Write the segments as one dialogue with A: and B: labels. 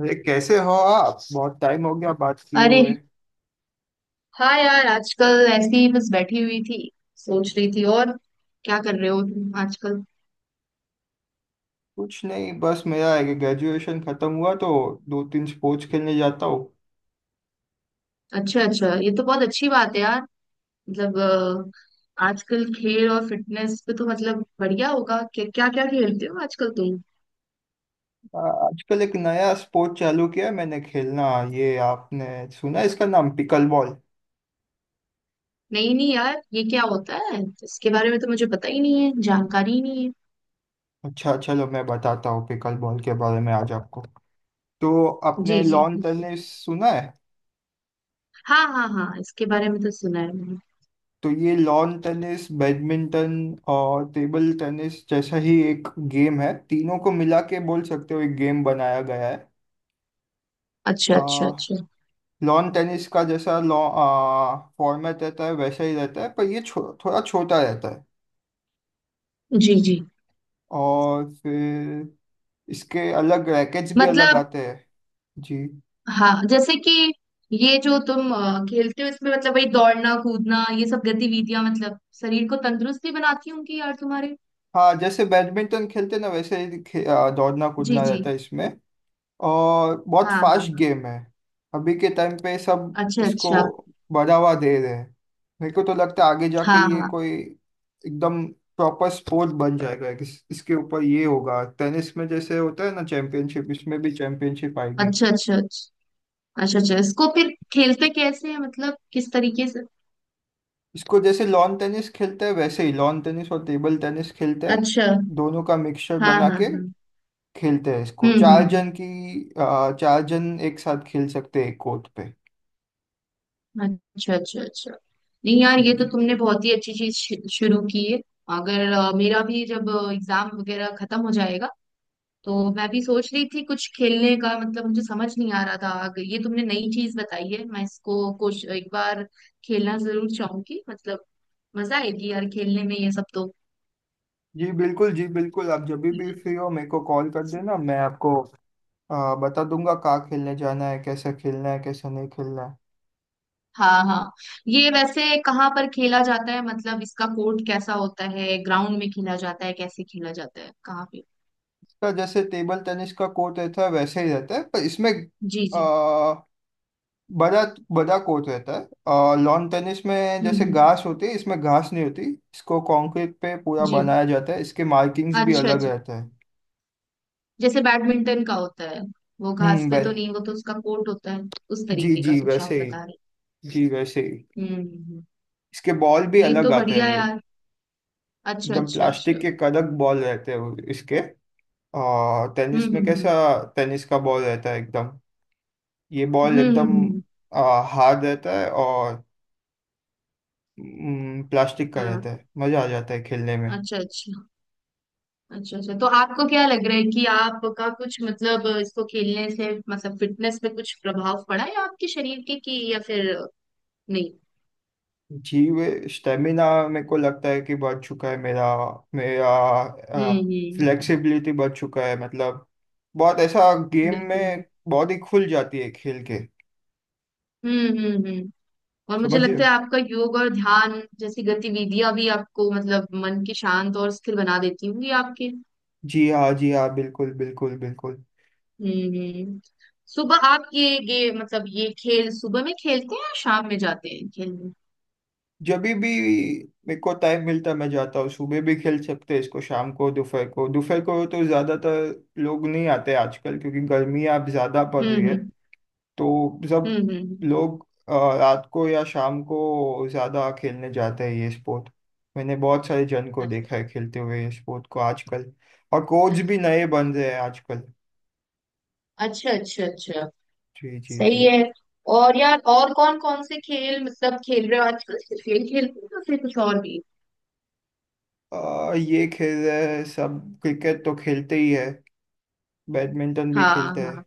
A: अरे, कैसे हो आप? बहुत टाइम हो गया बात किए
B: अरे
A: हुए।
B: हाँ यार, आजकल ऐसी ही बस बैठी हुई थी, सोच रही थी। और क्या कर रहे हो तुम आजकल?
A: कुछ नहीं, बस मेरा ग्रेजुएशन खत्म हुआ तो दो तीन स्पोर्ट्स खेलने जाता हूँ।
B: अच्छा अच्छा, ये तो बहुत अच्छी बात है यार। मतलब आजकल खेल और फिटनेस पे तो मतलब बढ़िया होगा। क्या क्या क्या खेलते हो आजकल तुम?
A: आजकल एक नया स्पोर्ट चालू किया है मैंने खेलना। ये आपने सुना है, इसका नाम पिकल बॉल।
B: नहीं नहीं यार, ये क्या होता है? इसके बारे में तो मुझे पता ही नहीं है, जानकारी ही नहीं है।
A: अच्छा, चलो मैं बताता हूँ पिकल बॉल के बारे में आज आपको। तो आपने
B: जी जी
A: लॉन
B: बिल्कुल।
A: टेनिस सुना है?
B: हाँ हाँ हाँ, इसके बारे में तो सुना है मैंने।
A: तो ये लॉन टेनिस, बैडमिंटन और टेबल टेनिस जैसा ही एक गेम है। तीनों को मिला के बोल सकते हो, एक गेम बनाया गया
B: अच्छा अच्छा अच्छा।
A: है। लॉन टेनिस का जैसा लॉ फॉर्मेट रहता है वैसा ही रहता है, पर ये थोड़ा छोटा रहता है।
B: जी जी।
A: और फिर इसके अलग रैकेट्स भी अलग
B: मतलब
A: आते हैं। जी।
B: हाँ, जैसे कि ये जो तुम खेलते हो इसमें, मतलब वही दौड़ना कूदना ये सब गतिविधियां मतलब शरीर को तंदुरुस्त भी बनाती होंगी यार तुम्हारे।
A: हाँ, जैसे बैडमिंटन खेलते ना वैसे ही दौड़ना
B: जी
A: कूदना
B: जी।
A: रहता है इसमें। और बहुत
B: हाँ हाँ
A: फास्ट
B: हाँ।
A: गेम है। अभी के टाइम पे सब
B: अच्छा
A: इसको
B: अच्छा।
A: बढ़ावा दे रहे हैं। मेरे को तो लगता है आगे जाके
B: हाँ
A: ये
B: हाँ।
A: कोई एकदम प्रॉपर स्पोर्ट बन जाएगा। इसके ऊपर ये होगा, टेनिस में जैसे होता है ना चैंपियनशिप, इसमें भी चैंपियनशिप आएगी।
B: अच्छा अच्छा अच्छा। अच्छा अच्छा इसको फिर खेलते कैसे है? मतलब किस तरीके से?
A: इसको जैसे लॉन टेनिस खेलते हैं वैसे ही लॉन टेनिस और टेबल टेनिस खेलते हैं,
B: अच्छा।
A: दोनों का मिक्सचर
B: हाँ हाँ
A: बना
B: हाँ।
A: के। खेलते हैं इसको
B: हम्म हम्म।
A: चार जन एक साथ खेल सकते हैं एक कोर्ट पे।
B: अच्छा अच्छा अच्छा। नहीं यार,
A: जी
B: ये तो
A: जी।
B: तुमने बहुत ही अच्छी चीज शुरू की है। अगर मेरा भी जब एग्जाम वगैरह खत्म हो जाएगा, तो मैं भी सोच रही थी कुछ खेलने का। मतलब मुझे समझ नहीं आ रहा था। अगर ये तुमने नई चीज बताई है, मैं इसको कुछ एक बार खेलना जरूर चाहूंगी। मतलब मजा आएगी यार खेलने में ये सब तो।
A: जी बिल्कुल, जी बिल्कुल। आप जब भी फ्री हो मेरे को कॉल कर देना, मैं आपको बता दूंगा कहाँ खेलने जाना है, कैसे खेलना है, कैसे नहीं खेलना है।
B: हाँ हाँ। ये वैसे कहाँ पर खेला जाता है? मतलब इसका कोर्ट कैसा होता है? ग्राउंड में खेला जाता है? कैसे खेला जाता है? कहाँ पे?
A: इसका जैसे टेबल टेनिस का कोर्ट रहता है वैसे ही रहता है, पर इसमें
B: जी
A: आ,
B: जी।
A: बड़ा बड़ा कोर्ट रहता है। और लॉन टेनिस में जैसे
B: हम्म।
A: घास होती है, इसमें घास नहीं होती। इसको कंक्रीट पे पूरा
B: जी।
A: बनाया जाता है। इसके मार्किंग्स भी
B: अच्छा
A: अलग
B: अच्छा।
A: रहते हैं।
B: जैसे बैडमिंटन का होता है, वो घास
A: हम्म।
B: पे
A: बै
B: तो नहीं, वो तो उसका कोर्ट होता है, उस
A: जी
B: तरीके का
A: जी
B: कुछ आप
A: वैसे ही।
B: बता रहे
A: जी वैसे ही।
B: हैं।
A: इसके बॉल भी
B: ये
A: अलग
B: तो
A: आते
B: बढ़िया
A: हैं।
B: यार। अच्छा
A: एकदम
B: अच्छा
A: प्लास्टिक
B: अच्छा।
A: के कड़क बॉल रहते हैं वो इसके।
B: हम्म
A: टेनिस में कैसा
B: हम्म
A: टेनिस का बॉल रहता है एकदम, ये
B: हम्म
A: बॉल
B: हम्म हम्म,
A: एकदम
B: हम्म, हम्म।
A: हार्ड रहता है और प्लास्टिक का
B: हाँ।
A: रहता है। मज़ा आ जाता है खेलने में।
B: अच्छा अच्छा। अच्छा अच्छा तो आपको क्या लग रहा है कि आपका कुछ मतलब इसको खेलने से मतलब फिटनेस पे कुछ प्रभाव पड़ा है आपके शरीर के, कि या फिर नहीं?
A: जी, वे स्टेमिना मेरे को लगता है कि बढ़ चुका है। मेरा मेरा आ,
B: हम्म।
A: फ्लेक्सिबिलिटी बढ़ चुका है, मतलब बहुत ऐसा गेम
B: बिल्कुल।
A: में बॉडी खुल जाती है खेल के।
B: हम्म। और मुझे
A: समझिए।
B: लगता है आपका योग और ध्यान जैसी गतिविधियां भी आपको मतलब मन की शांत और स्थिर बना देती होंगी आपके।
A: जी हाँ, जी हाँ, बिल्कुल बिल्कुल बिल्कुल।
B: हम्म। सुबह आप ये मतलब ये खेल सुबह में खेलते हैं या शाम में जाते हैं खेलने?
A: जब भी मेरे को टाइम मिलता है, मैं जाता हूँ। सुबह भी खेल सकते हैं इसको, शाम को, दोपहर को। दोपहर को तो ज़्यादातर लोग नहीं आते आजकल क्योंकि गर्मी अब ज़्यादा पड़
B: हम्म
A: रही है।
B: हम्म
A: तो
B: हम्म
A: सब
B: हम्म हम्म,
A: लोग रात को या शाम को ज़्यादा खेलने जाते हैं ये स्पोर्ट। मैंने बहुत सारे जन को
B: अच्छा
A: देखा है खेलते हुए ये स्पोर्ट को आजकल। और कोच भी नए
B: अच्छा
A: बन रहे हैं आजकल।
B: अच्छा अच्छा अच्छा।
A: जी जी जी।
B: सही है। और यार और कौन कौन से खेल मतलब खेल रहे हो आजकल? सिर्फ यही खेलते हो या फिर कुछ और भी?
A: ये खेल रहे हैं सब। क्रिकेट तो खेलते ही है, बैडमिंटन भी
B: हाँ
A: खेलते हैं।
B: हाँ।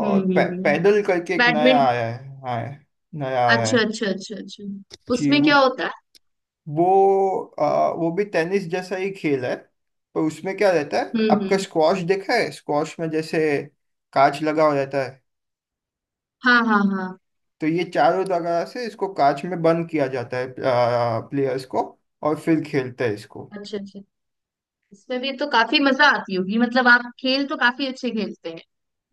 A: और
B: हम्म।
A: पैदल करके एक नया
B: बैडमिंटन।
A: आया है। हाँ, नया आया
B: अच्छा
A: है।
B: अच्छा अच्छा अच्छा।
A: जी,
B: उसमें
A: वो
B: क्या होता है?
A: वो आ, वो भी टेनिस जैसा ही खेल है। पर उसमें क्या रहता है, आपका
B: हम्म।
A: स्क्वॉश देखा है? स्क्वॉश में जैसे कांच लगा हो जाता है।
B: हाँ हाँ हाँ।
A: तो ये चारों जगह से इसको कांच में बंद किया जाता है, प्लेयर्स को। और फिर खेलते हैं इसको।
B: अच्छा अच्छा। इसमें भी तो काफी मजा आती होगी, मतलब आप खेल तो काफी अच्छे खेलते हैं,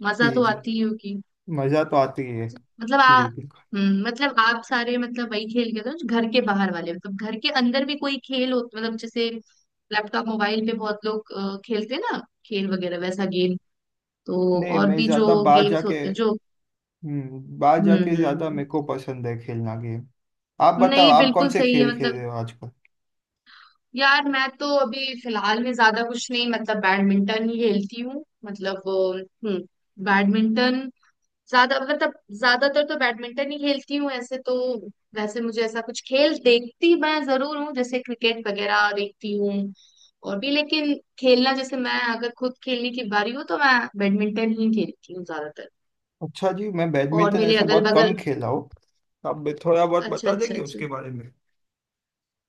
B: मजा
A: जी
B: तो
A: जी।
B: आती ही होगी।
A: मज़ा तो आती है।
B: मतलब
A: जी
B: आप
A: बिल्कुल।
B: मतलब आप सारे मतलब वही खेल खेलते हो जो घर के बाहर वाले? मतलब घर के अंदर भी कोई खेल हो, मतलब जैसे लैपटॉप मोबाइल पे बहुत लोग खेलते हैं ना, खेल वगैरह वैसा गेम, तो
A: नहीं,
B: और
A: मैं
B: भी
A: ज़्यादा
B: जो
A: बाहर
B: गेम्स
A: जाके।
B: होते हैं जो
A: बाहर
B: हम्म
A: जाके
B: हम्म
A: ज्यादा
B: हम्म।
A: मेरे को पसंद है खेलना गेम। आप बताओ,
B: नहीं
A: आप कौन
B: बिल्कुल
A: से
B: सही है।
A: खेल खेल रहे
B: मतलब
A: हो आजकल?
B: यार मैं तो अभी फिलहाल में ज्यादा कुछ नहीं, मतलब बैडमिंटन ही खेलती हूँ। मतलब हम्म, बैडमिंटन ज्यादा मतलब ज्यादातर तो बैडमिंटन ही खेलती हूँ ऐसे तो। वैसे मुझे ऐसा कुछ खेल देखती मैं जरूर हूँ, जैसे क्रिकेट वगैरह देखती हूँ और भी, लेकिन खेलना जैसे मैं अगर खुद खेलने की बारी हो तो मैं बैडमिंटन ही खेलती हूँ ज्यादातर।
A: अच्छा जी, मैं
B: और
A: बैडमिंटन
B: मेरे
A: ऐसे
B: अगल
A: बहुत कम
B: बगल
A: खेला हूँ। आप भी थोड़ा बहुत
B: अच्छा
A: बता
B: अच्छा
A: देंगे
B: अच्छा।
A: उसके बारे में।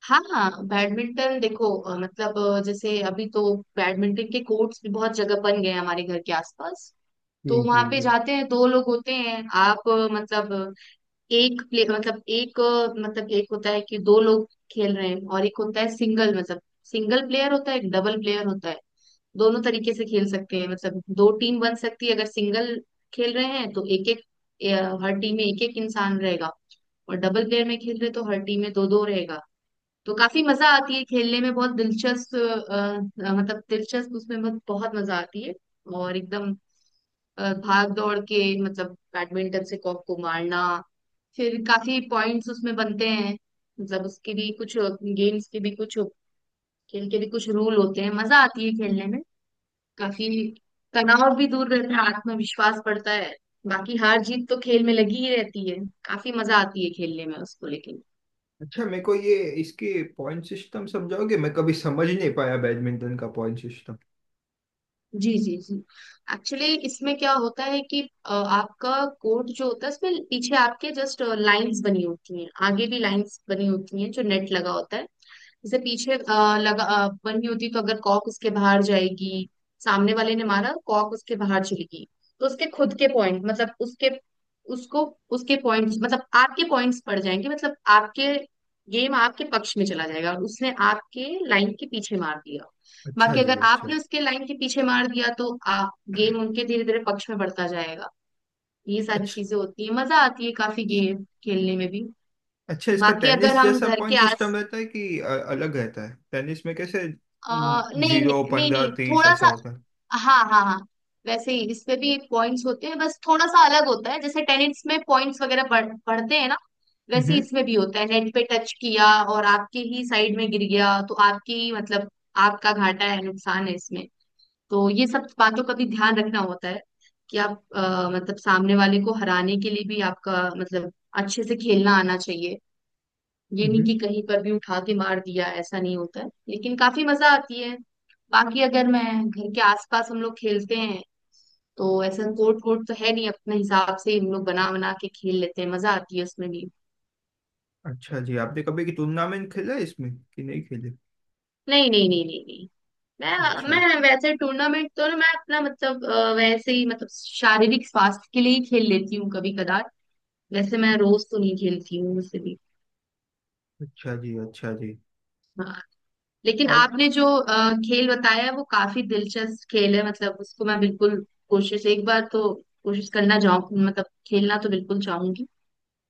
B: हाँ हाँ, बैडमिंटन देखो, मतलब जैसे अभी तो बैडमिंटन के कोर्ट्स भी बहुत जगह बन गए हैं हमारे घर के आसपास।
A: जी
B: तो वहां
A: जी
B: पे
A: जी।
B: जाते हैं, दो लोग होते हैं। आप मतलब एक प्ले मतलब एक होता है कि दो लोग खेल रहे हैं, और एक होता है सिंगल, मतलब सिंगल प्लेयर होता है एक, डबल प्लेयर होता है। दोनों तरीके से खेल सकते हैं। मतलब दो टीम बन सकती है। अगर सिंगल खेल रहे हैं तो एक एक, हर टीम में एक एक इंसान रहेगा, और डबल प्लेयर में खेल रहे तो हर टीम में दो दो रहेगा। तो काफी मजा आती है खेलने में। बहुत दिलचस्प मतलब दिलचस्प उसमें बहुत बहुत मजा आती है। और एकदम भाग दौड़ के मतलब बैडमिंटन से कॉक को मारना, फिर काफी पॉइंट्स उसमें बनते हैं। मतलब उसके भी कुछ, गेम्स के भी कुछ, खेल के भी कुछ रूल होते हैं। मजा आती है खेलने में काफी। तनाव भी दूर रहता है, आत्मविश्वास बढ़ता है। बाकी हार जीत तो खेल में लगी ही रहती है। काफी मजा आती है खेलने में उसको लेके।
A: अच्छा, मेरे को ये इसके पॉइंट सिस्टम समझाओगे? मैं कभी समझ नहीं पाया बैडमिंटन का पॉइंट सिस्टम।
B: जी जी जी। एक्चुअली इसमें क्या होता है कि आपका कोड जो होता है इसमें, पीछे आपके जस्ट लाइंस बनी होती हैं, आगे भी लाइंस बनी होती हैं, जो नेट लगा होता है। जैसे पीछे लगा बनी होती, तो अगर कॉक उसके बाहर जाएगी, सामने वाले ने मारा कॉक उसके बाहर चली गई, तो उसके खुद के पॉइंट मतलब उसके, उसको, उसके पॉइंट्स मतलब आपके पॉइंट्स पड़ जाएंगे। मतलब आपके गेम आपके पक्ष में चला जाएगा, और उसने आपके लाइन के पीछे मार दिया।
A: अच्छा
B: बाकी
A: जी,
B: अगर
A: अच्छा
B: आपने उसके लाइन के पीछे मार दिया तो आप गेम उनके धीरे धीरे पक्ष में बढ़ता जाएगा। ये सारी
A: अच्छा
B: चीजें होती है। मजा आती है काफी गेम खेलने में भी।
A: अच्छा। इसका
B: बाकी अगर
A: टेनिस
B: हम
A: जैसा
B: घर के
A: पॉइंट
B: आस
A: सिस्टम रहता है कि अलग रहता है? टेनिस में कैसे
B: नहीं
A: जीरो
B: नहीं नहीं
A: पंद्रह
B: नहीं,
A: तीस
B: थोड़ा
A: ऐसा
B: सा।
A: होता है?
B: हाँ हाँ हाँ, वैसे ही इसमें भी पॉइंट्स होते हैं, बस थोड़ा सा अलग होता है। जैसे टेनिस में पॉइंट्स वगैरह बढ़ते हैं ना, वैसे ही इसमें भी होता है। नेट पे टच किया और आपके ही साइड में गिर गया तो आपकी ही मतलब आपका घाटा है, नुकसान है इसमें। तो ये सब बातों का भी ध्यान रखना होता है कि आप मतलब सामने वाले को हराने के लिए भी आपका मतलब अच्छे से खेलना आना चाहिए। ये नहीं
A: हम्म।
B: कि कहीं पर भी उठा के मार दिया, ऐसा नहीं होता है। लेकिन काफी मजा आती है। बाकी अगर मैं घर के आसपास हम लोग खेलते हैं, तो ऐसा कोर्ट कोर्ट तो है नहीं, अपने हिसाब से हम लोग बना बना के खेल लेते हैं, मजा आती है उसमें भी।
A: अच्छा जी, आपने कभी की टूर्नामेंट खेला है इसमें कि नहीं खेले?
B: नहीं नहीं नहीं नहीं नहीं। मैं
A: अच्छा,
B: मैं वैसे टूर्नामेंट तो ना, मैं अपना मतलब वैसे ही मतलब शारीरिक स्वास्थ्य के लिए ही खेल लेती हूँ कभी कदार। वैसे मैं रोज तो नहीं खेलती हूँ वैसे भी।
A: अच्छा जी, अच्छा जी,
B: हाँ। लेकिन
A: और।
B: आपने जो खेल बताया है वो काफी दिलचस्प खेल है, मतलब उसको मैं बिल्कुल कोशिश एक बार तो कोशिश करना चाहूँ, मतलब खेलना तो बिल्कुल चाहूंगी।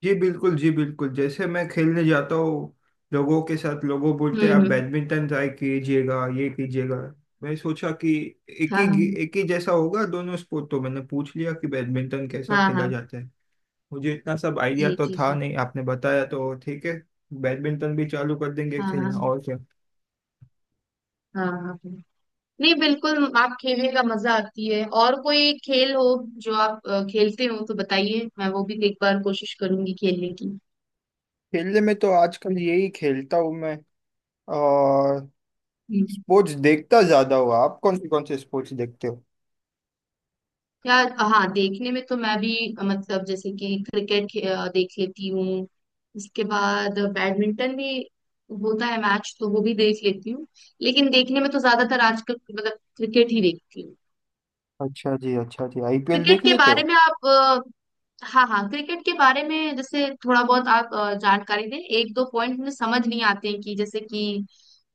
A: जी बिल्कुल, जी बिल्कुल। जैसे मैं खेलने जाता हूँ लोगों के साथ, लोगों बोलते
B: हम्म
A: हैं आप
B: हम्म,
A: बैडमिंटन ट्राई कीजिएगा, ये कीजिएगा। मैं सोचा कि
B: हाँ हाँ
A: एक ही जैसा होगा दोनों स्पोर्ट, तो मैंने पूछ लिया कि बैडमिंटन कैसा
B: हाँ
A: खेला
B: हाँ।
A: जाता है। मुझे इतना सब आइडिया
B: जी
A: तो
B: जी
A: था
B: जी।
A: नहीं, आपने बताया तो ठीक है। बैडमिंटन भी चालू कर देंगे
B: हाँ हाँ
A: खेलना, और क्या।
B: हाँ हाँ हाँ। नहीं बिल्कुल, आप खेलने का मजा आती है। और कोई खेल हो जो आप खेलते हो तो बताइए, मैं वो भी एक बार कोशिश करूंगी खेलने की।
A: खेलने में तो आजकल यही खेलता हूँ मैं।
B: हम्म।
A: स्पोर्ट्स देखता ज्यादा हो आप, कौन से स्पोर्ट्स देखते हो?
B: यार हाँ, देखने में तो मैं भी मतलब जैसे कि क्रिकेट देख लेती हूँ। इसके बाद बैडमिंटन भी होता है मैच तो वो भी देख लेती हूँ। लेकिन देखने में तो ज्यादातर आजकल मतलब क्रिकेट ही देखती हूँ।
A: अच्छा जी, अच्छा जी, आईपीएल
B: क्रिकेट
A: देख
B: के
A: लेते
B: बारे
A: हो?
B: में आप हाँ हाँ, क्रिकेट के बारे में जैसे थोड़ा बहुत आप जानकारी दें। एक दो पॉइंट मुझे समझ नहीं आते हैं कि जैसे कि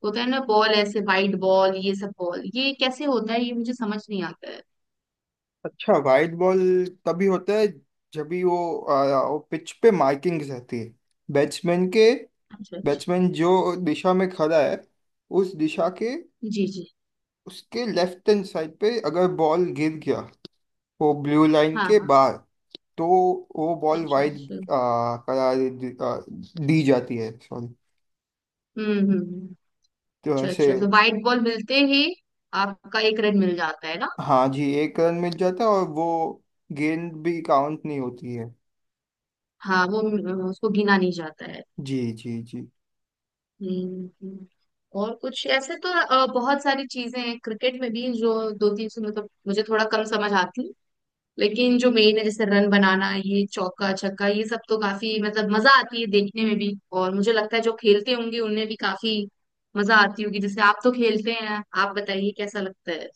B: होता है ना बॉल, ऐसे वाइड बॉल ये सब बॉल, ये कैसे होता है ये मुझे समझ नहीं आता है।
A: अच्छा, वाइड बॉल तभी होता है जब भी वो पिच पे मार्किंग्स रहती है। बैट्समैन के
B: अच्छा अच्छा।
A: बैट्समैन जो दिशा में खड़ा है, उस दिशा के,
B: जी जी।
A: उसके लेफ्ट हैंड साइड पे अगर बॉल गिर गया, वो ब्लू लाइन
B: हाँ
A: के
B: हाँ।
A: बाहर, तो वो बॉल
B: अच्छा
A: वाइड
B: अच्छा।
A: करार दी जाती है सॉरी।
B: हम्म।
A: तो
B: अच्छा
A: ऐसे।
B: अच्छा तो व्हाइट बॉल मिलते ही आपका एक रन मिल जाता है ना?
A: हाँ जी, एक रन मिल जाता है और वो गेंद भी काउंट नहीं होती है।
B: हाँ, वो उसको गिना नहीं जाता है।
A: जी जी जी।
B: हम्म हम्म। और कुछ ऐसे तो बहुत सारी चीजें हैं क्रिकेट में भी जो दो तीन सौ मतलब मुझे थोड़ा कम समझ आती, लेकिन जो मेन है जैसे रन बनाना, ये चौका छक्का, ये सब तो काफी मतलब मजा आती है देखने में भी। और मुझे लगता है जो खेलते होंगे उनमें भी काफी मजा आती होगी। जैसे आप तो खेलते हैं, आप बताइए कैसा लगता है?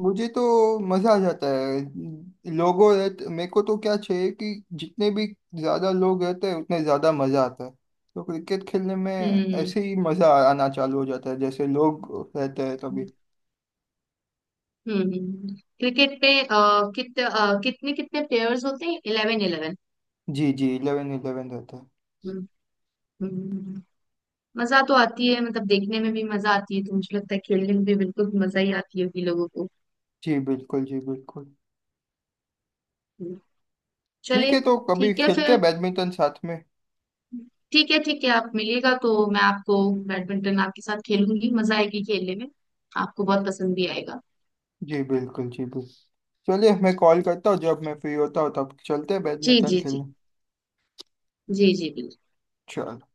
A: मुझे तो मज़ा आ जाता है लोगों रहते। मेरे को तो क्या चाहिए कि जितने भी ज़्यादा लोग रहते हैं उतने ज़्यादा मज़ा आता है। तो क्रिकेट खेलने में
B: हम्म
A: ऐसे ही मज़ा आना चालू हो जाता है जैसे लोग रहते हैं तभी।
B: क्रिकेट पे कितने कितने प्लेयर्स होते हैं? Eleven eleven?
A: जी जी, 11, 11 रहता है।
B: हम्म हम्म। मजा तो आती है, मतलब देखने में भी मजा आती है, तो मुझे लगता है खेलने में भी बिल्कुल मजा ही आती होगी लोगों को।
A: जी बिल्कुल, जी बिल्कुल।
B: हम्म।
A: ठीक
B: चलिए।
A: है, तो कभी
B: ठीक है
A: खेलते
B: फिर।
A: हैं बैडमिंटन साथ में।
B: ठीक है ठीक है, आप मिलिएगा तो मैं आपको बैडमिंटन आपके साथ खेलूंगी, मजा आएगी खेलने में, आपको बहुत पसंद भी आएगा।
A: जी बिल्कुल, जी बिल्कुल। चलिए, मैं कॉल करता हूँ जब मैं फ्री होता हूँ तब चलते हैं
B: जी
A: बैडमिंटन
B: जी जी।
A: खेलने।
B: जी जी बिल्कुल।
A: चलो।